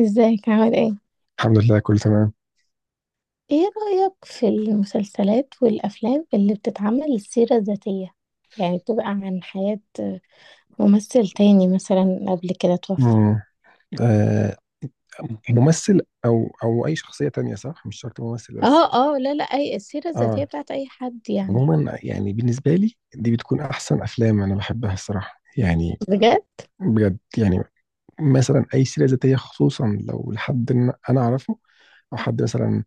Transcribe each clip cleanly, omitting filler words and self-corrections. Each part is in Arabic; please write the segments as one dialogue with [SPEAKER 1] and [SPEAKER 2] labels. [SPEAKER 1] ازيك عامل ايه؟
[SPEAKER 2] الحمد لله كله تمام.
[SPEAKER 1] ايه رأيك في المسلسلات والأفلام اللي بتتعمل سيرة ذاتية؟ يعني بتبقى عن حياة ممثل تاني مثلا قبل كده توفى.
[SPEAKER 2] مم. آه، ممثل او اي شخصيه تانية، صح، مش شرط ممثل بس.
[SPEAKER 1] لا اي السيرة الذاتية
[SPEAKER 2] اه،
[SPEAKER 1] بتاعت اي حد يعني.
[SPEAKER 2] عموما يعني بالنسبه لي دي بتكون احسن افلام انا بحبها الصراحه يعني.
[SPEAKER 1] بجد؟
[SPEAKER 2] بجد يعني، مثلا اي سيره ذاتيه، خصوصا لو لحد إن انا اعرفه او حد مثلا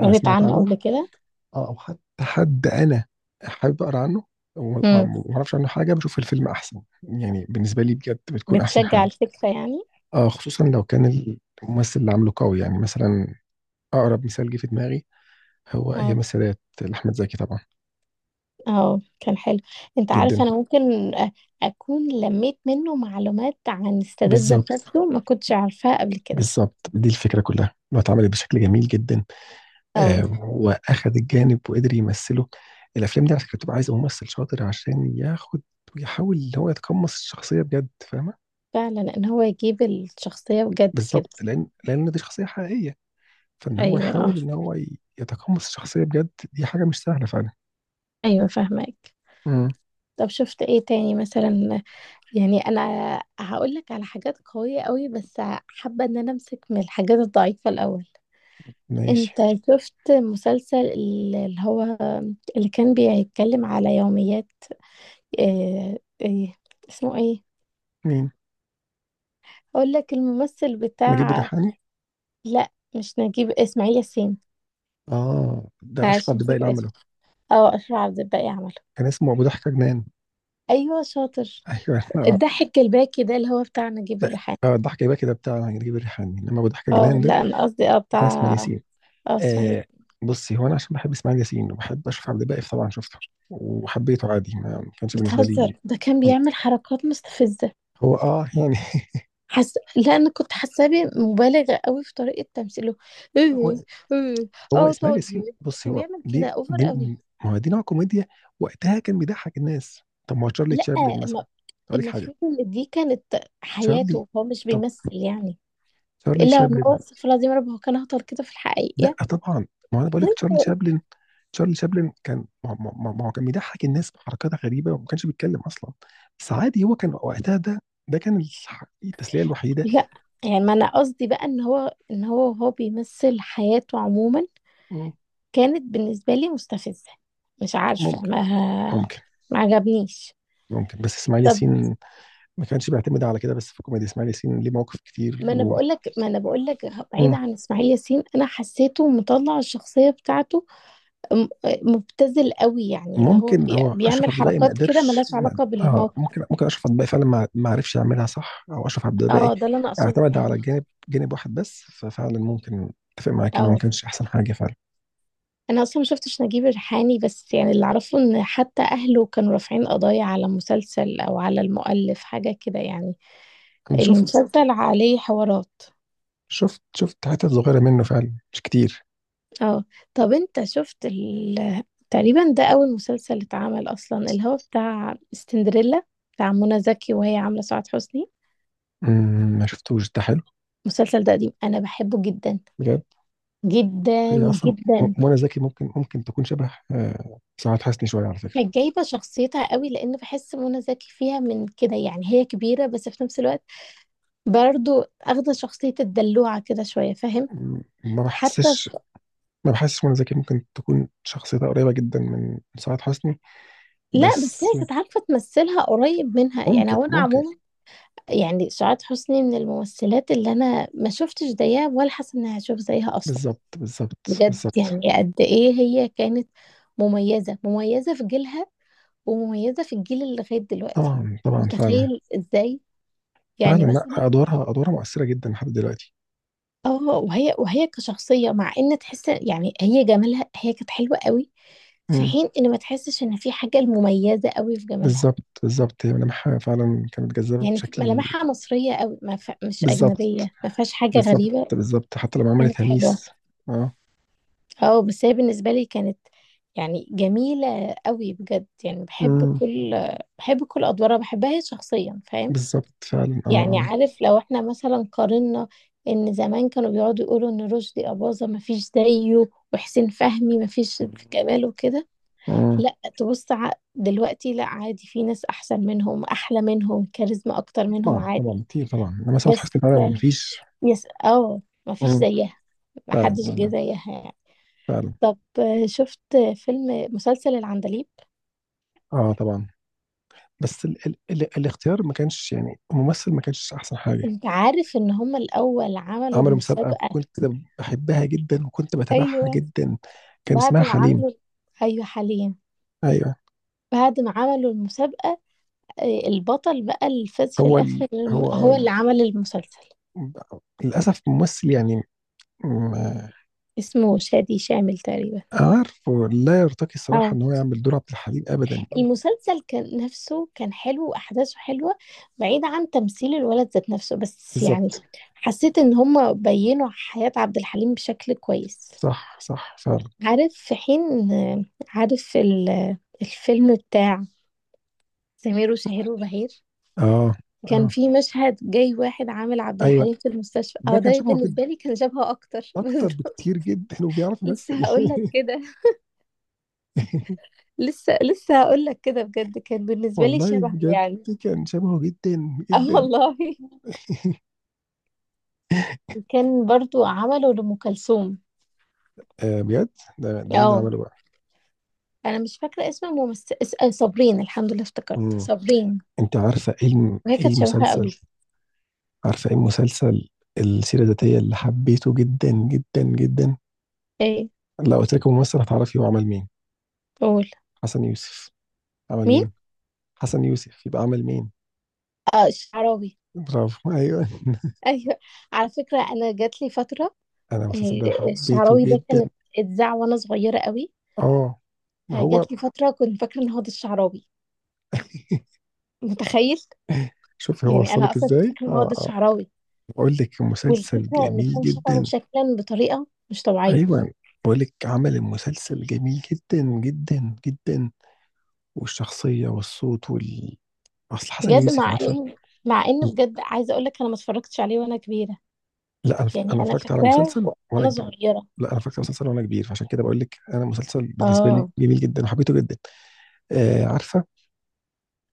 [SPEAKER 2] انا سمعت
[SPEAKER 1] عنه
[SPEAKER 2] عنه،
[SPEAKER 1] قبل كده؟
[SPEAKER 2] آه، او حتى حد انا حابب اقرا عنه وما
[SPEAKER 1] امم.
[SPEAKER 2] ما اعرفش عنه حاجه بشوف الفيلم احسن. يعني بالنسبه لي بجد بتكون احسن
[SPEAKER 1] بتشجع
[SPEAKER 2] حاجه.
[SPEAKER 1] الفكرة يعني؟
[SPEAKER 2] آه، خصوصا لو كان الممثل اللي عامله قوي. يعني مثلا اقرب مثال جه في دماغي هو ايام
[SPEAKER 1] اه
[SPEAKER 2] السادات لاحمد زكي طبعا.
[SPEAKER 1] اه كان حلو. انت عارف
[SPEAKER 2] جدا.
[SPEAKER 1] انا ممكن اكون لميت منه معلومات عن السادات ذات
[SPEAKER 2] بالظبط،
[SPEAKER 1] نفسه ما كنتش عارفاها قبل كده.
[SPEAKER 2] بالظبط، دي الفكره كلها انه اتعملت بشكل جميل جدا.
[SPEAKER 1] اه
[SPEAKER 2] آه، واخد الجانب وقدر يمثله. الافلام دي على فكره بتبقى عايزه ممثل شاطر عشان ياخد ويحاول ان هو يتقمص الشخصيه بجد، فاهمه.
[SPEAKER 1] فعلا ان هو يجيب الشخصية بجد كده.
[SPEAKER 2] بالظبط، لان دي شخصيه حقيقيه، فان هو
[SPEAKER 1] أيوه آه،
[SPEAKER 2] يحاول ان هو يتقمص الشخصيه بجد دي حاجه مش سهله فعلا.
[SPEAKER 1] أيوه فاهماك.
[SPEAKER 2] امم
[SPEAKER 1] طب شُفت إيه تاني مثلًا؟ يعني أنا هاقول لك على حاجات قوية أوي، بس حابة إن أنا أمسك من الحاجات الضعيفة الأول.
[SPEAKER 2] ماشي.
[SPEAKER 1] أنت شُفت مسلسل اللي هو اللي كان بيتكلم على يوميات، آآ، آآ، اسمه إيه؟
[SPEAKER 2] مين؟
[SPEAKER 1] هاقول لك الممثل
[SPEAKER 2] نجيب
[SPEAKER 1] بتاع.
[SPEAKER 2] الريحاني؟
[SPEAKER 1] لأ، مش نجيب، إسماعيل ياسين.
[SPEAKER 2] اه، ده اشرف
[SPEAKER 1] معلش
[SPEAKER 2] عبد الباقي
[SPEAKER 1] نسيت
[SPEAKER 2] اللي
[SPEAKER 1] الاسم.
[SPEAKER 2] عمله.
[SPEAKER 1] آه، أشرف عبد الباقي عمله.
[SPEAKER 2] كان اسمه ابو ضحكه جنان.
[SPEAKER 1] أيوه شاطر.
[SPEAKER 2] ايوه، احنا، اه
[SPEAKER 1] الضحك الباكي ده اللي هو بتاع نجيب
[SPEAKER 2] لا،
[SPEAKER 1] الريحاني.
[SPEAKER 2] اه، الضحكه يبقى كده بتاع نجيب الريحاني، انما ابو ضحكه
[SPEAKER 1] اه
[SPEAKER 2] جنان ده
[SPEAKER 1] لا انا قصدي اه بتاع
[SPEAKER 2] بتاع اسماعيل ياسين.
[SPEAKER 1] اه اسماعيل.
[SPEAKER 2] آه، بصي، هو انا عشان بحب اسماعيل ياسين وبحب اشوف عبد الباقي طبعا شفته وحبيته عادي، ما كانش بالنسبه
[SPEAKER 1] بتهزر،
[SPEAKER 2] لي.
[SPEAKER 1] ده كان بيعمل حركات مستفزة.
[SPEAKER 2] هو اه يعني.
[SPEAKER 1] لا انا كنت حاساه مبالغة قوي في طريقة تمثيله.
[SPEAKER 2] هو،
[SPEAKER 1] ايه؟ ايه؟
[SPEAKER 2] هو
[SPEAKER 1] اه
[SPEAKER 2] اسماعيل ياسين،
[SPEAKER 1] طيب،
[SPEAKER 2] بصي
[SPEAKER 1] كان
[SPEAKER 2] هو
[SPEAKER 1] بيعمل كده
[SPEAKER 2] دي
[SPEAKER 1] اوفر
[SPEAKER 2] دي
[SPEAKER 1] قوي.
[SPEAKER 2] ما هو دي نوع كوميديا وقتها كان بيضحك الناس. طب ما هو تشارلي
[SPEAKER 1] لا
[SPEAKER 2] تشابلن مثلا،
[SPEAKER 1] ما-
[SPEAKER 2] اقول لك حاجه.
[SPEAKER 1] المفروض ان دي كانت
[SPEAKER 2] تشارلي،
[SPEAKER 1] حياته هو، مش
[SPEAKER 2] طب،
[SPEAKER 1] بيمثل يعني.
[SPEAKER 2] تشارلي
[SPEAKER 1] الا ان
[SPEAKER 2] تشابلن،
[SPEAKER 1] هو، استغفر الله العظيم يا رب، هو كان هطل كده في
[SPEAKER 2] لا
[SPEAKER 1] الحقيقة.
[SPEAKER 2] طبعا، ما هو انا بقول لك تشارلي تشابلن. تشارلي شابلن كان ما هو كان بيضحك الناس بحركات غريبه وما كانش بيتكلم اصلا، بس عادي، هو كان وقتها ده، ده كان التسليه الوحيده.
[SPEAKER 1] لا يعني ما انا قصدي بقى ان هو ان هو هو بيمثل حياته عموما.
[SPEAKER 2] مم.
[SPEAKER 1] كانت بالنسبة لي مستفزة، مش عارفة،
[SPEAKER 2] ممكن،
[SPEAKER 1] ما
[SPEAKER 2] ممكن.
[SPEAKER 1] ما عجبنيش.
[SPEAKER 2] ممكن، بس اسماعيل
[SPEAKER 1] طب
[SPEAKER 2] ياسين ما كانش بيعتمد على كده بس في الكوميديا. اسماعيل ياسين ليه مواقف كتير
[SPEAKER 1] ما انا
[SPEAKER 2] و...
[SPEAKER 1] بقول لك ما انا بقول لك، بعيد
[SPEAKER 2] مم.
[SPEAKER 1] عن اسماعيل ياسين، انا حسيته مطلع الشخصية بتاعته م- مبتذل قوي، يعني اللي هو
[SPEAKER 2] وممكن هو اشرف
[SPEAKER 1] بيعمل
[SPEAKER 2] عبد الباقي ما
[SPEAKER 1] حركات كده
[SPEAKER 2] قدرش،
[SPEAKER 1] ملهاش
[SPEAKER 2] ما
[SPEAKER 1] علاقة
[SPEAKER 2] اه،
[SPEAKER 1] بالموقف.
[SPEAKER 2] ممكن ممكن اشرف عبد الباقي فعلا ما عرفش يعملها صح، او اشرف عبد الباقي
[SPEAKER 1] اه ده اللي انا اقصده
[SPEAKER 2] اعتمد على
[SPEAKER 1] يعني.
[SPEAKER 2] جانب واحد بس، ففعلا ممكن اتفق معاك انه ما
[SPEAKER 1] اه
[SPEAKER 2] كانش احسن حاجه فعلا.
[SPEAKER 1] انا اصلا ما شفتش نجيب الريحاني، بس يعني اللي اعرفه ان حتى اهله كانوا رافعين قضايا على مسلسل او على المؤلف حاجة كده يعني.
[SPEAKER 2] انا شفت،
[SPEAKER 1] المسلسل عليه حوارات.
[SPEAKER 2] شفت حتت صغيرة منه فعلا، مش كتير.
[SPEAKER 1] اه طب انت شفت تقريبا ده اول مسلسل اتعمل اصلا، اللي هو بتاع سندريلا، بتاع منى زكي وهي عامله سعاد حسني.
[SPEAKER 2] مم، ما شفتوش ده. حلو؟
[SPEAKER 1] المسلسل ده قديم انا بحبه جدا.
[SPEAKER 2] بجد.
[SPEAKER 1] جدا
[SPEAKER 2] هي أصلا،
[SPEAKER 1] جدا.
[SPEAKER 2] منى زكي ممكن، ممكن تكون شبه، آه، سعاد حسني شوية على فكرة.
[SPEAKER 1] كانت جايبه شخصيتها قوي، لان بحس منى زكي فيها من كده يعني، هي كبيره بس في نفس الوقت برضو اخده شخصيه الدلوعه كده شويه، فاهم.
[SPEAKER 2] مم، ما
[SPEAKER 1] حتى
[SPEAKER 2] بحسش،
[SPEAKER 1] في...
[SPEAKER 2] ما بحسش منى زكي ممكن تكون شخصيتها قريبة جدا من سعاد حسني،
[SPEAKER 1] لا بس هي
[SPEAKER 2] بس.
[SPEAKER 1] كانت عارفه تمثلها قريب منها يعني،
[SPEAKER 2] ممكن،
[SPEAKER 1] هو انا
[SPEAKER 2] ممكن.
[SPEAKER 1] عموما يعني سعاد حسني من الممثلات اللي انا ما شفتش زيها ولا حاسه اني هشوف زيها اصلا.
[SPEAKER 2] بالظبط، بالظبط،
[SPEAKER 1] بجد
[SPEAKER 2] بالظبط.
[SPEAKER 1] يعني قد ايه هي كانت مميزه، مميزه في جيلها ومميزه في الجيل اللي لغايه دلوقتي.
[SPEAKER 2] طبعا، طبعا، فعلا.
[SPEAKER 1] متخيل ازاي
[SPEAKER 2] فعلا،
[SPEAKER 1] يعني
[SPEAKER 2] لا،
[SPEAKER 1] مثلا.
[SPEAKER 2] أدوارها، أدوارها مؤثرة جدا لحد دلوقتي.
[SPEAKER 1] اه وهي وهي كشخصيه، مع ان تحس يعني هي جمالها، هي كانت حلوه قوي، في
[SPEAKER 2] مم،
[SPEAKER 1] حين ان ما تحسش ان في حاجه مميزه قوي في جمالها.
[SPEAKER 2] بالظبط، بالظبط، هي ملامحها فعلا كانت جذابة
[SPEAKER 1] يعني
[SPEAKER 2] بشكل.
[SPEAKER 1] ملامحها مصريه قوي، ما ف... مش
[SPEAKER 2] بالظبط،
[SPEAKER 1] اجنبيه، ما فيهاش حاجه
[SPEAKER 2] بالظبط،
[SPEAKER 1] غريبه.
[SPEAKER 2] بالظبط، حتى لما عملت
[SPEAKER 1] كانت حلوه.
[SPEAKER 2] هميس. اه.
[SPEAKER 1] اه بس هي بالنسبة لي كانت يعني جميلة قوي بجد، يعني بحب
[SPEAKER 2] امم.
[SPEAKER 1] كل بحب كل أدوارها، بحبها هي شخصيا، فاهم.
[SPEAKER 2] بالظبط فعلا،
[SPEAKER 1] يعني
[SPEAKER 2] اه.
[SPEAKER 1] عارف لو احنا مثلا قارنا، إن زمان كانوا بيقعدوا يقولوا إن رشدي أباظة مفيش زيه، وحسين فهمي مفيش
[SPEAKER 2] اه.
[SPEAKER 1] في كماله وكده.
[SPEAKER 2] آه.
[SPEAKER 1] لا تبص دلوقتي لا، عادي في ناس أحسن منهم، أحلى منهم، كاريزما أكتر منهم،
[SPEAKER 2] طبعا، طبعا،
[SPEAKER 1] عادي.
[SPEAKER 2] كتير طبعا، لما سعاد
[SPEAKER 1] بس
[SPEAKER 2] حسني فعلا
[SPEAKER 1] ك-
[SPEAKER 2] مفيش.
[SPEAKER 1] يس اه، مفيش
[SPEAKER 2] امم.
[SPEAKER 1] زيها،
[SPEAKER 2] فعلا،
[SPEAKER 1] محدش جه
[SPEAKER 2] فعلا،
[SPEAKER 1] زيها يعني.
[SPEAKER 2] فعلا.
[SPEAKER 1] طب آه، شفت فيلم مسلسل العندليب.
[SPEAKER 2] اه طبعا، بس ال الاختيار ما كانش، يعني الممثل ما كانش احسن حاجه.
[SPEAKER 1] انت عارف ان هما الاول عملوا
[SPEAKER 2] عملوا مسابقه،
[SPEAKER 1] المسابقة.
[SPEAKER 2] كنت بحبها جدا وكنت بتابعها
[SPEAKER 1] ايوه،
[SPEAKER 2] جدا. كان
[SPEAKER 1] بعد
[SPEAKER 2] اسمها
[SPEAKER 1] ما
[SPEAKER 2] حليم.
[SPEAKER 1] عملوا، ايوه حاليا،
[SPEAKER 2] ايوه.
[SPEAKER 1] بعد ما عملوا المسابقة، آه، البطل بقى اللي فاز في
[SPEAKER 2] هو
[SPEAKER 1] الاخر
[SPEAKER 2] ال هو
[SPEAKER 1] هو
[SPEAKER 2] ال
[SPEAKER 1] اللي عمل المسلسل.
[SPEAKER 2] للاسف ممثل، يعني
[SPEAKER 1] اسمه شادي شامل تقريبا.
[SPEAKER 2] عارفه، لا يرتقي الصراحة
[SPEAKER 1] اه
[SPEAKER 2] إن هو يعمل دور عبد الحليم أبدا.
[SPEAKER 1] المسلسل كان نفسه كان حلو، واحداثه حلوة، بعيد عن تمثيل الولد ذات نفسه، بس يعني
[SPEAKER 2] بالظبط.
[SPEAKER 1] حسيت ان هما بينوا حياة عبد الحليم بشكل كويس.
[SPEAKER 2] صح، صح فعلا.
[SPEAKER 1] عارف، في حين، عارف الفيلم بتاع سمير وشهير وبهير،
[SPEAKER 2] آه.
[SPEAKER 1] كان
[SPEAKER 2] آه.
[SPEAKER 1] في مشهد جاي واحد عامل عبد
[SPEAKER 2] أيوه،
[SPEAKER 1] الحليم في المستشفى،
[SPEAKER 2] ده
[SPEAKER 1] اه
[SPEAKER 2] كان
[SPEAKER 1] ده
[SPEAKER 2] شبهه جدا،
[SPEAKER 1] بالنسبة لي كان شبهه اكتر
[SPEAKER 2] أكتر
[SPEAKER 1] بس
[SPEAKER 2] بكتير جدا، وبيعرف يمثل.
[SPEAKER 1] لسه هقول لك كده. لسه هقول لك كده، بجد كان بالنسبة لي
[SPEAKER 2] والله
[SPEAKER 1] شبه
[SPEAKER 2] بجد
[SPEAKER 1] يعني.
[SPEAKER 2] كان شبهه جدا
[SPEAKER 1] اه
[SPEAKER 2] جدا.
[SPEAKER 1] والله. كان برضو عمله لأم كلثوم.
[SPEAKER 2] آه، بجد. ده، ده مين اللي
[SPEAKER 1] اه
[SPEAKER 2] عمله بقى؟
[SPEAKER 1] انا مش فاكرة اسم الممثل آه، صابرين، الحمد لله افتكرت
[SPEAKER 2] مم.
[SPEAKER 1] صابرين.
[SPEAKER 2] أنت عارفة إيه
[SPEAKER 1] وهي
[SPEAKER 2] إيه
[SPEAKER 1] كانت شبهها قوي.
[SPEAKER 2] المسلسل؟ عارفة إيه المسلسل، السيرة الذاتية اللي حبيته جدا جدا جدا؟
[SPEAKER 1] ايه؟
[SPEAKER 2] لو قلت لك ممثل هتعرفي هو عمل مين؟
[SPEAKER 1] قول.
[SPEAKER 2] حسن يوسف عمل
[SPEAKER 1] مين؟
[SPEAKER 2] مين؟ حسن يوسف يبقى عمل مين؟
[SPEAKER 1] اه الشعراوي.
[SPEAKER 2] برافو، ايوه.
[SPEAKER 1] ايوه. على فكره انا جات لي فتره.
[SPEAKER 2] انا المسلسل ده
[SPEAKER 1] آه،
[SPEAKER 2] حبيته
[SPEAKER 1] الشعراوي ده
[SPEAKER 2] جدا.
[SPEAKER 1] كانت اتذاع وانا صغيره قوي،
[SPEAKER 2] اه، ما هو.
[SPEAKER 1] فجات لي فتره كنت فاكره ان هو ده الشعراوي. متخيل؟
[SPEAKER 2] شوفي هو
[SPEAKER 1] يعني انا
[SPEAKER 2] وصلك
[SPEAKER 1] اصلا كنت
[SPEAKER 2] ازاي.
[SPEAKER 1] فاكره ان هو
[SPEAKER 2] اه،
[SPEAKER 1] ده
[SPEAKER 2] اه.
[SPEAKER 1] الشعراوي،
[SPEAKER 2] بقول لك مسلسل
[SPEAKER 1] والفكره ان
[SPEAKER 2] جميل
[SPEAKER 1] كان شبهه
[SPEAKER 2] جدا.
[SPEAKER 1] شكلا بطريقه مش طبيعيه.
[SPEAKER 2] ايوه، بقول لك عمل المسلسل جميل جدا جدا جدا، والشخصيه والصوت وال، اصل حسن
[SPEAKER 1] بجد
[SPEAKER 2] يوسف
[SPEAKER 1] مع
[SPEAKER 2] عارفه.
[SPEAKER 1] ان مع ان، بجد عايزه اقول لك انا ما اتفرجتش عليه وانا كبيره،
[SPEAKER 2] لا، انا،
[SPEAKER 1] يعني
[SPEAKER 2] انا
[SPEAKER 1] انا
[SPEAKER 2] اتفرجت على
[SPEAKER 1] فاكراه
[SPEAKER 2] مسلسل وانا
[SPEAKER 1] وانا
[SPEAKER 2] كبير.
[SPEAKER 1] صغيره.
[SPEAKER 2] لا، انا اتفرجت على مسلسل وانا كبير، فعشان كده بقول لك انا مسلسل بالنسبه لي
[SPEAKER 1] اه
[SPEAKER 2] جميل جدا وحبيته جدا. آه، عارفه،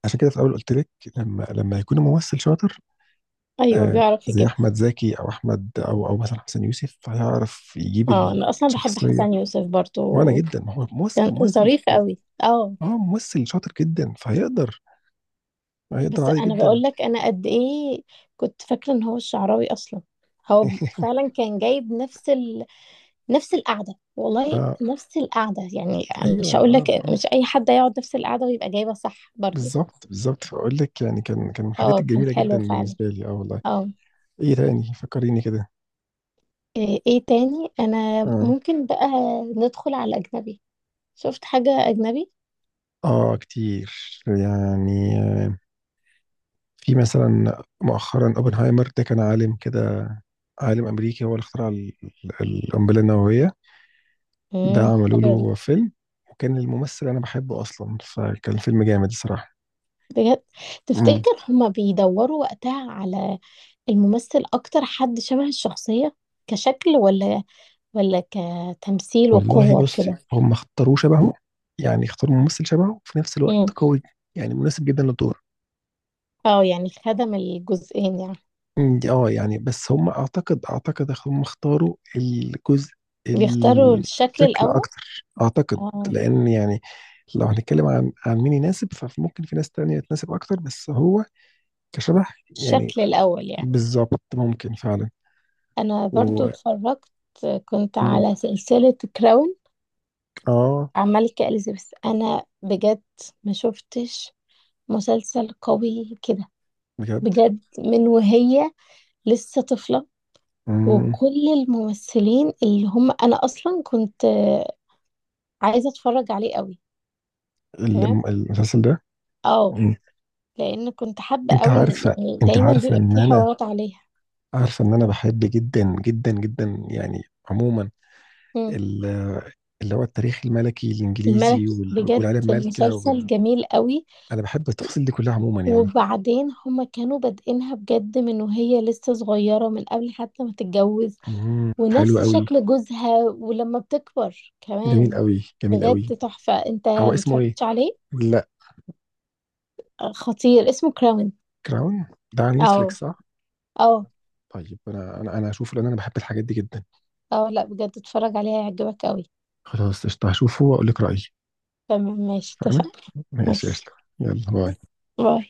[SPEAKER 2] عشان كده في الاول قلت لك لما يكون ممثل شاطر،
[SPEAKER 1] ايوه
[SPEAKER 2] آه
[SPEAKER 1] بيعرف
[SPEAKER 2] زي
[SPEAKER 1] يجيبها.
[SPEAKER 2] احمد زكي، او احمد، او مثلا حسن يوسف، هيعرف يجيب
[SPEAKER 1] اه انا اصلا بحب
[SPEAKER 2] الشخصيه.
[SPEAKER 1] حسن يوسف برضو،
[SPEAKER 2] وانا جدا، ما هو ممثل،
[SPEAKER 1] كان
[SPEAKER 2] ممثل،
[SPEAKER 1] ظريف قوي اه.
[SPEAKER 2] اه ممثل شاطر جدا، فهيقدر، هيقدر
[SPEAKER 1] بس
[SPEAKER 2] عادي
[SPEAKER 1] انا
[SPEAKER 2] جدا.
[SPEAKER 1] بقول لك انا قد ايه كنت فاكره ان هو الشعراوي اصلا. هو فعلا كان جايب نفس نفس القعده، والله
[SPEAKER 2] اه،
[SPEAKER 1] نفس القعده يعني.
[SPEAKER 2] ايوه،
[SPEAKER 1] مش هقول لك،
[SPEAKER 2] اه، اه.
[SPEAKER 1] مش اي حد يقعد نفس القعده ويبقى جايبها صح برضو.
[SPEAKER 2] بالظبط، بالظبط، فاقول لك يعني كان، كان من الحاجات
[SPEAKER 1] اه كان
[SPEAKER 2] الجميله جدا
[SPEAKER 1] حلو فعلا.
[SPEAKER 2] بالنسبه لي. اه والله.
[SPEAKER 1] اه
[SPEAKER 2] ايه تاني فكريني كده.
[SPEAKER 1] ايه إيه تاني؟ انا
[SPEAKER 2] اه.
[SPEAKER 1] ممكن بقى ندخل على اجنبي. شفت حاجه اجنبي.
[SPEAKER 2] اه، كتير يعني. في مثلا مؤخرا اوبنهايمر ده، كان عالم كده، عالم امريكي، هو اللي اخترع القنبله النوويه. ده عملوا
[SPEAKER 1] حلو ده.
[SPEAKER 2] له فيلم، وكان الممثل انا بحبه اصلا، فكان فيلم جامد الصراحه.
[SPEAKER 1] بجد؟
[SPEAKER 2] امم.
[SPEAKER 1] تفتكر هما بيدوروا وقتها على الممثل اكتر حد شبه الشخصيه كشكل، ولا ولا كتمثيل وقوة
[SPEAKER 2] والله بص،
[SPEAKER 1] وكده.
[SPEAKER 2] هم اختاروه شبهه، يعني اختاروا ممثل شبهه وفي نفس الوقت
[SPEAKER 1] امم.
[SPEAKER 2] قوي، يعني مناسب جدا للدور.
[SPEAKER 1] اه يعني خدم الجزئين يعني.
[SPEAKER 2] مم، يعني بس هم اعتقد، اعتقد هم اختاروا الجزء،
[SPEAKER 1] بيختاروا الشكل
[SPEAKER 2] الشكل
[SPEAKER 1] الأول.
[SPEAKER 2] اكتر، اعتقد،
[SPEAKER 1] اه
[SPEAKER 2] لان يعني لو هنتكلم عن مين يناسب، فممكن في ناس تانية تناسب اكتر، بس هو كشبه يعني.
[SPEAKER 1] الشكل الأول يعني.
[SPEAKER 2] بالظبط، ممكن فعلا.
[SPEAKER 1] أنا برضو
[SPEAKER 2] و،
[SPEAKER 1] اتفرجت، كنت
[SPEAKER 2] مم،
[SPEAKER 1] على سلسلة كراون،
[SPEAKER 2] اه،
[SPEAKER 1] الملكة إليزابيث، أنا بجد ما شفتش مسلسل قوي كده.
[SPEAKER 2] بجد.
[SPEAKER 1] بجد من وهي لسه طفلة،
[SPEAKER 2] مم،
[SPEAKER 1] وكل الممثلين اللي هم، أنا أصلا كنت عايزة أتفرج عليه قوي. تمام
[SPEAKER 2] المسلسل ده.
[SPEAKER 1] اه،
[SPEAKER 2] مم.
[SPEAKER 1] لان كنت حابه
[SPEAKER 2] انت
[SPEAKER 1] قوي
[SPEAKER 2] عارفة،
[SPEAKER 1] يعني
[SPEAKER 2] انت
[SPEAKER 1] دايما
[SPEAKER 2] عارفة
[SPEAKER 1] بيبقى
[SPEAKER 2] ان
[SPEAKER 1] في
[SPEAKER 2] انا،
[SPEAKER 1] حوارات عليها.
[SPEAKER 2] عارفة ان انا بحب جدا جدا جدا يعني، عموما،
[SPEAKER 1] مم.
[SPEAKER 2] اللي هو التاريخ الملكي
[SPEAKER 1] الملك،
[SPEAKER 2] الانجليزي
[SPEAKER 1] بجد
[SPEAKER 2] والعيله المالكه
[SPEAKER 1] مسلسل
[SPEAKER 2] وال...
[SPEAKER 1] جميل قوي.
[SPEAKER 2] انا بحب التفاصيل دي كلها عموما يعني.
[SPEAKER 1] وبعدين هما كانوا بادئينها بجد من وهي لسه صغيرة، من قبل حتى ما تتجوز،
[SPEAKER 2] مم. حلو
[SPEAKER 1] ونفس
[SPEAKER 2] قوي.
[SPEAKER 1] شكل جوزها ولما بتكبر
[SPEAKER 2] جميل
[SPEAKER 1] كمان.
[SPEAKER 2] قوي، جميل
[SPEAKER 1] بجد
[SPEAKER 2] قوي.
[SPEAKER 1] تحفة، انت
[SPEAKER 2] هو اسمه ايه؟
[SPEAKER 1] متفرجتش عليه؟
[SPEAKER 2] لا.
[SPEAKER 1] خطير، اسمه كراون.
[SPEAKER 2] كراون؟ ده على
[SPEAKER 1] اه.
[SPEAKER 2] نتفليكس، صح؟
[SPEAKER 1] اه.
[SPEAKER 2] طيب انا، انا، انا هشوفه، لان انا بحب الحاجات دي جدا.
[SPEAKER 1] اه لا بجد اتفرج عليه، هيعجبك قوي.
[SPEAKER 2] خلاص، قشطه، هشوفه واقول لك رايي.
[SPEAKER 1] تمام ماشي،
[SPEAKER 2] فانا،
[SPEAKER 1] اتفقنا.
[SPEAKER 2] ماشي، قشطه.
[SPEAKER 1] ماشي،
[SPEAKER 2] يلا باي.
[SPEAKER 1] باي.